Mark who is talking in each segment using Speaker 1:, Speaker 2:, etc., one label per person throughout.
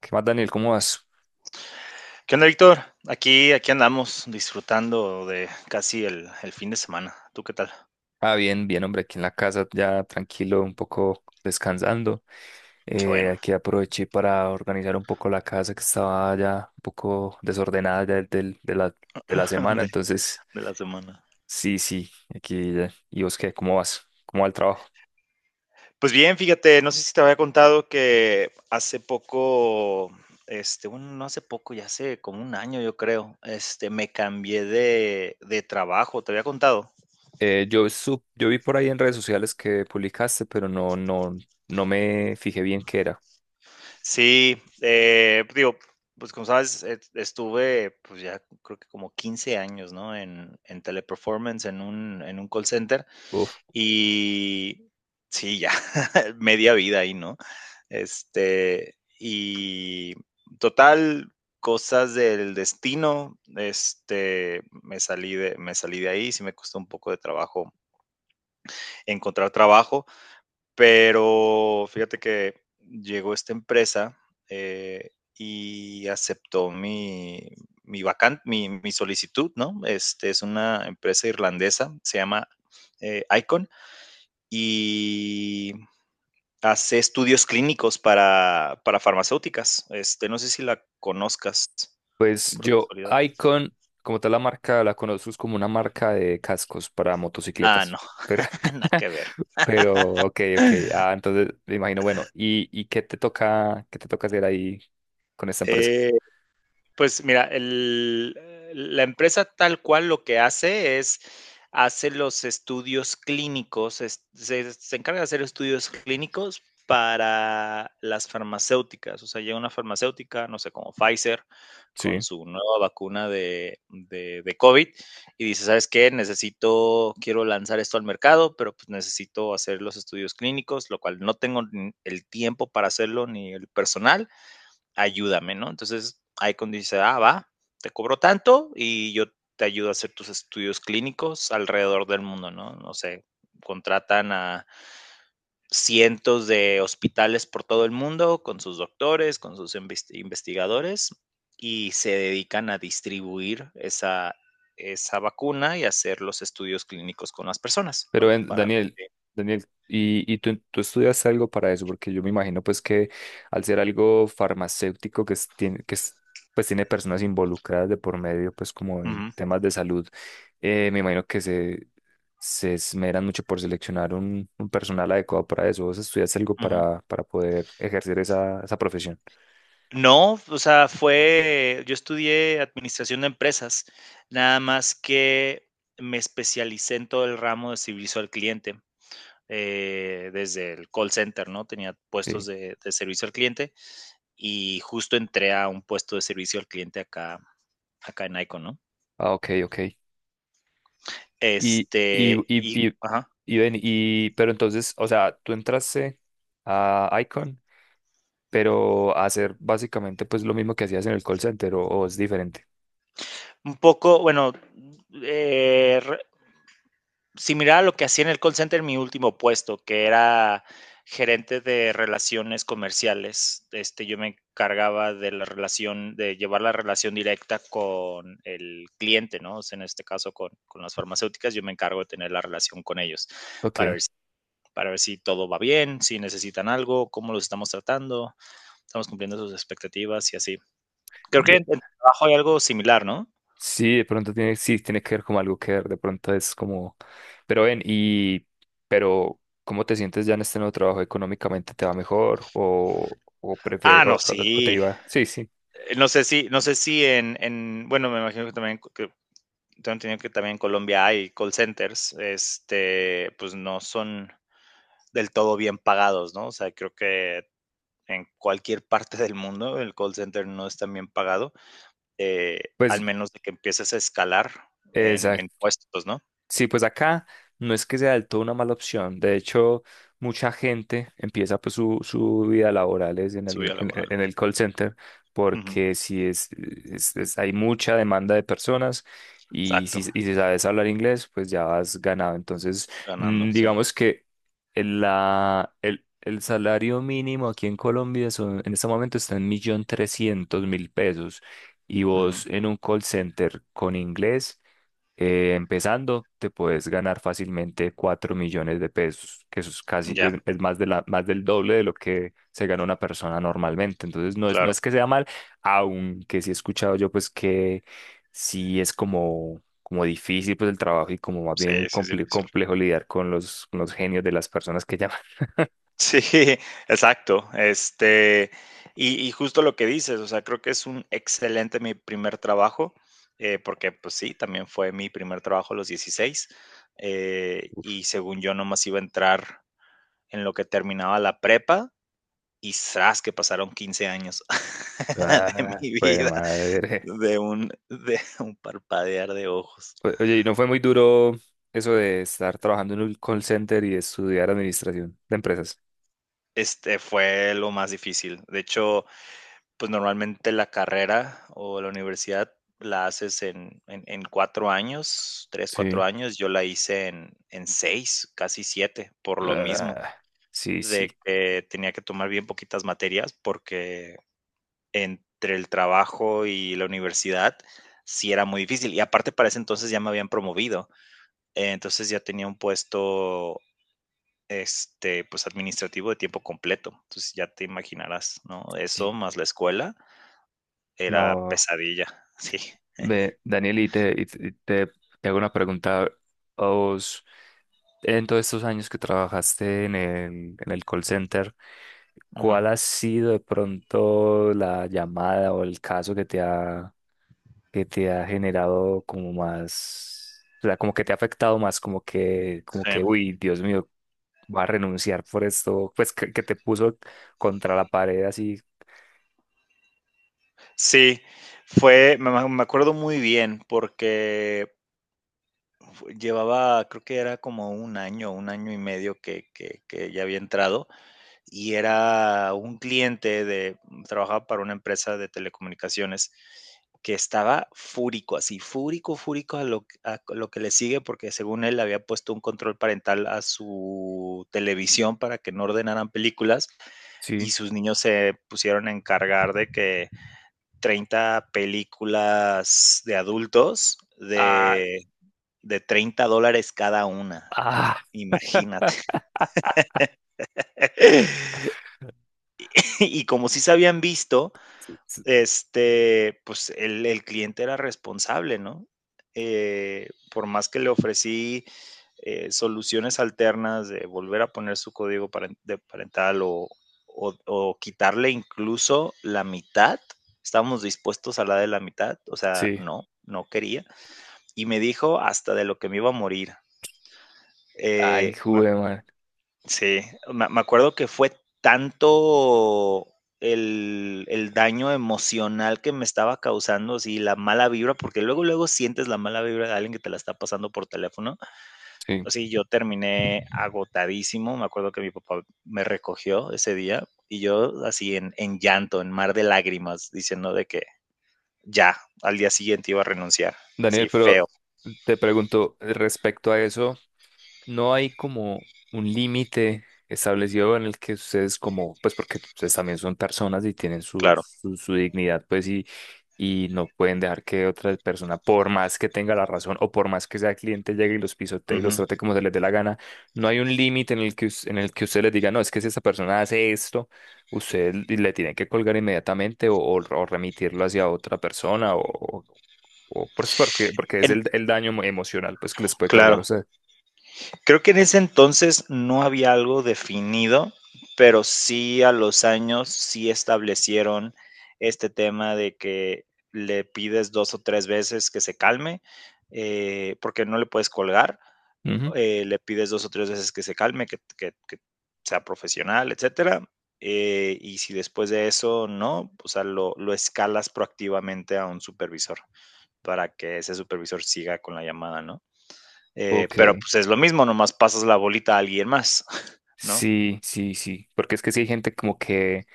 Speaker 1: ¿Qué más, Daniel? ¿Cómo vas?
Speaker 2: ¿Qué onda, Víctor? Aquí andamos disfrutando de casi el fin de semana. ¿Tú qué tal?
Speaker 1: Ah, bien, bien, hombre, aquí en la casa ya tranquilo, un poco descansando.
Speaker 2: Qué bueno,
Speaker 1: Aquí aproveché para organizar un poco la casa que estaba ya un poco desordenada ya de la semana.
Speaker 2: de,
Speaker 1: Entonces,
Speaker 2: de la semana.
Speaker 1: sí, sí, aquí ya. ¿Y vos qué? ¿Cómo vas? ¿Cómo va el trabajo?
Speaker 2: Pues bien, fíjate, no sé si te había contado que hace poco, bueno, no hace poco, ya hace como un año, yo creo, me cambié de trabajo. ¿Te había contado?
Speaker 1: Yo vi por ahí en redes sociales que publicaste, pero no me fijé bien qué era.
Speaker 2: Sí, digo, pues como sabes, estuve, pues ya creo que como 15 años, ¿no? En teleperformance, en un call center. Y sí, ya, media vida ahí, ¿no? Y total, cosas del destino, me salí de ahí. Sí me costó un poco de trabajo encontrar trabajo, pero fíjate que llegó esta empresa eh, y aceptó mi solicitud, ¿no? Es una empresa irlandesa, se llama Icon, y hace estudios clínicos para farmacéuticas. No sé si la conozcas,
Speaker 1: Pues
Speaker 2: por
Speaker 1: yo,
Speaker 2: casualidad.
Speaker 1: Icon, como tal la marca, la conozco, es como una marca de cascos para
Speaker 2: Ah,
Speaker 1: motocicletas.
Speaker 2: no,
Speaker 1: Pero,
Speaker 2: nada que ver.
Speaker 1: pero, ok, ok. Ah, entonces me imagino, bueno, ¿y, qué te toca hacer ahí con esta empresa?
Speaker 2: Eh, Pues mira, la empresa tal cual lo que hace es, hace los estudios clínicos, se encarga de hacer estudios clínicos para las farmacéuticas. O sea, llega una farmacéutica, no sé, como Pfizer, con
Speaker 1: Sí.
Speaker 2: su nueva vacuna de COVID, y dice, ¿sabes qué? Necesito, quiero lanzar esto al mercado, pero pues necesito hacer los estudios clínicos, lo cual no tengo ni el tiempo para hacerlo ni el personal. Ayúdame, ¿no? Entonces, ahí cuando dice, ah, va, te cobro tanto y yo te ayudo a hacer tus estudios clínicos alrededor del mundo, ¿no? No sé, contratan a cientos de hospitales por todo el mundo con sus doctores, con sus investigadores, y se dedican a distribuir esa vacuna y hacer los estudios clínicos con las personas,
Speaker 1: Pero
Speaker 2: ¿no?
Speaker 1: ven,
Speaker 2: Para
Speaker 1: Daniel,
Speaker 2: ver.
Speaker 1: Daniel, y, tú estudias algo para eso, porque yo me imagino pues que al ser algo farmacéutico que es- pues tiene personas involucradas de por medio, pues como
Speaker 2: Uh
Speaker 1: en
Speaker 2: -huh,
Speaker 1: temas de salud, me imagino que se esmeran mucho por seleccionar un personal adecuado para eso. ¿Vos estudias algo
Speaker 2: uh -huh.
Speaker 1: para poder ejercer esa, esa profesión?
Speaker 2: No, o sea, fue yo estudié administración de empresas, nada más que me especialicé en todo el ramo de servicio al cliente, desde el call center, ¿no? Tenía puestos
Speaker 1: Sí.
Speaker 2: de servicio al cliente, y justo entré a un puesto de servicio al cliente acá, en Icon, ¿no?
Speaker 1: Ah, ok, ok. Y, y, y,
Speaker 2: Y,
Speaker 1: y,
Speaker 2: ajá,
Speaker 1: y ven, y, pero entonces, o sea, tú entraste a Icon, pero hacer básicamente pues lo mismo que hacías en el call center o es diferente.
Speaker 2: un poco, bueno, eh, re- similar a lo que hacía en el call center en mi último puesto, que era gerente de relaciones comerciales. Yo me encargaba de la relación, de llevar la relación directa con el cliente, ¿no? O sea, en este caso con las farmacéuticas, yo me encargo de tener la relación con ellos para
Speaker 1: Ok.
Speaker 2: ver si para ver si todo va bien, si necesitan algo, cómo los estamos tratando, estamos cumpliendo sus expectativas y así. Creo que
Speaker 1: Ve-
Speaker 2: en tu trabajo hay algo similar, ¿no?
Speaker 1: Sí, de pronto tiene, sí, tiene que ver como algo que ver, de pronto es como, pero ven, y, pero, ¿cómo te sientes ya en este nuevo trabajo? ¿Económicamente te va mejor o,
Speaker 2: Ah,
Speaker 1: o,
Speaker 2: no,
Speaker 1: o te
Speaker 2: sí.
Speaker 1: iba? Sí, sí,
Speaker 2: No sé si bueno, me imagino que también, que tengo entendido que también en Colombia hay call centers, pues no son del todo bien pagados, ¿no? O sea, creo que en cualquier parte del mundo el call center no es tan bien pagado, eh, al
Speaker 1: pues,
Speaker 2: menos de que empieces a escalar en puestos, ¿no?
Speaker 1: sí, pues acá no es que sea del todo una mala opción. De hecho, mucha gente empieza pues su vida laboral es
Speaker 2: Subida laboral.
Speaker 1: en el call center,
Speaker 2: Uh -huh.
Speaker 1: porque si es, es- hay mucha demanda de personas
Speaker 2: Exacto,
Speaker 1: y si sabes hablar inglés, pues ya has ganado. Entonces,
Speaker 2: ganando,
Speaker 1: mm,
Speaker 2: sí.
Speaker 1: digamos que el salario mínimo aquí en Colombia son, en este momento está en 1.300.000 pesos, y
Speaker 2: Uh -huh.
Speaker 1: vos en un call center con inglés, empezando, te puedes ganar fácilmente 4.000.000 de pesos, que eso es casi,
Speaker 2: Ya,
Speaker 1: es más de la, más del doble de lo que se gana una persona normalmente. Entonces, no
Speaker 2: claro,
Speaker 1: es que sea mal, aunque sí he escuchado yo, pues, que sí es como, como difícil, pues, el trabajo y como más
Speaker 2: sí,
Speaker 1: bien
Speaker 2: sí es difícil.
Speaker 1: complejo lidiar con los genios de las personas que llaman.
Speaker 2: Sí, exacto. Y justo lo que dices, o sea, creo que es un excelente mi primer trabajo, porque pues sí, también fue mi primer trabajo a los 16, y según yo nomás iba a entrar en lo que terminaba la prepa, y zas, que pasaron 15 años de
Speaker 1: Ah,
Speaker 2: mi
Speaker 1: pues,
Speaker 2: vida,
Speaker 1: madre.
Speaker 2: de un parpadear de ojos.
Speaker 1: Oye, ¿y no fue muy duro eso de estar trabajando en un call center y estudiar administración de empresas?
Speaker 2: Este fue lo más difícil. De hecho, pues normalmente la carrera o la universidad la haces en cuatro años, tres, cuatro
Speaker 1: Sí,
Speaker 2: años. Yo la hice en seis, casi siete, por lo mismo,
Speaker 1: ah, sí, sí,
Speaker 2: de que tenía que tomar bien poquitas materias porque entre el trabajo y la universidad sí era muy difícil. Y aparte para ese entonces ya me habían promovido, entonces ya tenía un puesto, pues administrativo, de tiempo completo. Entonces ya te imaginarás, ¿no? Eso
Speaker 1: sí.
Speaker 2: más la escuela era
Speaker 1: No,
Speaker 2: pesadilla, sí.
Speaker 1: ve, Daniel, te hago una pregunta. ¿A vos, en todos estos años que trabajaste en el call center,
Speaker 2: Ujú.
Speaker 1: cuál ha sido de pronto la llamada o el caso que te ha generado como más, o sea, como que te ha afectado más, como
Speaker 2: Sí.
Speaker 1: que, uy, Dios mío, va a renunciar por esto, pues que te puso contra la pared así?
Speaker 2: Sí, acuerdo muy bien porque llevaba, creo que era como un año y medio que ya había entrado, y era un cliente trabajaba para una empresa de telecomunicaciones que estaba fúrico, así, fúrico, fúrico a lo que le sigue, porque según él había puesto un control parental a su televisión para que no ordenaran películas, y
Speaker 1: Sí.
Speaker 2: sus niños se pusieron a encargar de que 30 películas de adultos de $30 cada una.
Speaker 1: Ah,
Speaker 2: Imagínate. Y como sí se habían visto, pues el cliente era responsable, ¿no? Por más que le ofrecí soluciones alternas de volver a poner su código paren- de parental, o quitarle incluso la mitad, estábamos dispuestos a la de la mitad, o sea,
Speaker 1: sí,
Speaker 2: no, no quería. Y me dijo hasta de lo que me iba a morir.
Speaker 1: ay,
Speaker 2: Me
Speaker 1: jugué, man,
Speaker 2: Sí, me acuerdo que fue tanto el daño emocional que me estaba causando, sí, la mala vibra, porque luego, luego sientes la mala vibra de alguien que te la está pasando por teléfono.
Speaker 1: sí.
Speaker 2: Así yo terminé agotadísimo, me acuerdo que mi papá me recogió ese día, y yo así en llanto, en mar de lágrimas, diciendo de que ya, al día siguiente iba a renunciar.
Speaker 1: Daniel,
Speaker 2: Sí,
Speaker 1: pero
Speaker 2: feo,
Speaker 1: te pregunto, respecto a eso. ¿No hay como un límite establecido en el que ustedes como, pues porque ustedes también son personas y tienen su,
Speaker 2: claro.
Speaker 1: su, su dignidad, pues, y no pueden dejar que otra persona, por más que tenga la razón o por más que sea cliente, llegue y los pisotee y los
Speaker 2: Ujú.
Speaker 1: trate como se les dé la gana? ¿No hay un límite en el que, en el que usted les diga, no, es que si esa persona hace esto, usted le tiene que colgar inmediatamente o remitirlo hacia otra persona o, pues porque, porque es
Speaker 2: En
Speaker 1: el daño emocional pues que les puede causar a
Speaker 2: claro.
Speaker 1: usted?
Speaker 2: Creo que en ese entonces no había algo definido, pero sí a los años sí establecieron este tema de que le pides dos o tres veces que se calme, porque no le puedes colgar, le pides dos o tres veces que se calme, que sea profesional, etcétera. Y si después de eso no, o sea, lo escalas proactivamente a un supervisor, para que ese supervisor siga con la llamada, ¿no?
Speaker 1: Ok,
Speaker 2: Pero pues es lo mismo, nomás pasas la bolita a alguien más, ¿no?
Speaker 1: sí, sí, sí, porque es que sí hay gente como que,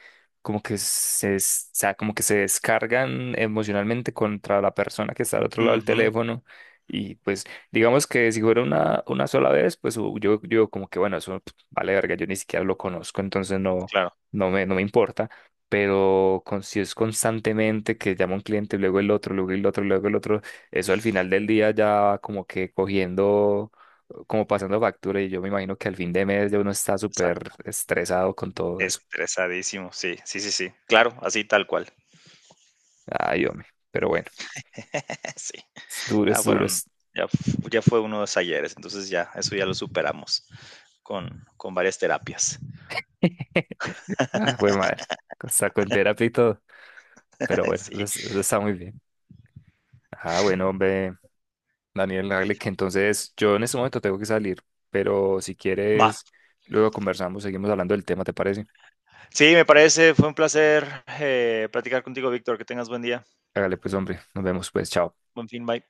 Speaker 1: o sea, como que se descargan emocionalmente contra la persona que está al otro lado del
Speaker 2: Ujú,
Speaker 1: teléfono, y pues digamos que si fuera una sola vez, pues yo, yo como que bueno, eso pf, vale verga, yo ni siquiera lo conozco, entonces no,
Speaker 2: claro,
Speaker 1: no me importa, pero con, si es constantemente que llama un cliente, luego el otro, luego el otro, luego el otro, eso al final del día ya va como que cogiendo, como pasando factura, y yo me imagino que al fin de mes ya uno está súper
Speaker 2: exacto.
Speaker 1: estresado con todo eso.
Speaker 2: Estresadísimo, sí, sí, sí, sí. Claro, así tal cual.
Speaker 1: Ay, hombre, pero bueno,
Speaker 2: Sí,
Speaker 1: es duro,
Speaker 2: ya
Speaker 1: es duro.
Speaker 2: fueron,
Speaker 1: Es...
Speaker 2: ya fue uno de los ayeres, entonces ya, eso ya lo superamos con varias terapias.
Speaker 1: Ah, fue madre, hasta con terapia y todo, pero bueno,
Speaker 2: Sí,
Speaker 1: eso está muy bien. Ah, bueno, hombre, Daniel, hágale que entonces yo en este momento tengo que salir, pero si
Speaker 2: va.
Speaker 1: quieres, luego conversamos, seguimos hablando del tema, ¿te parece?
Speaker 2: Sí, me parece, fue un placer platicar contigo, Víctor. Que tengas buen día.
Speaker 1: Hágale pues, hombre, nos vemos pues, chao.
Speaker 2: Buen fin, bye.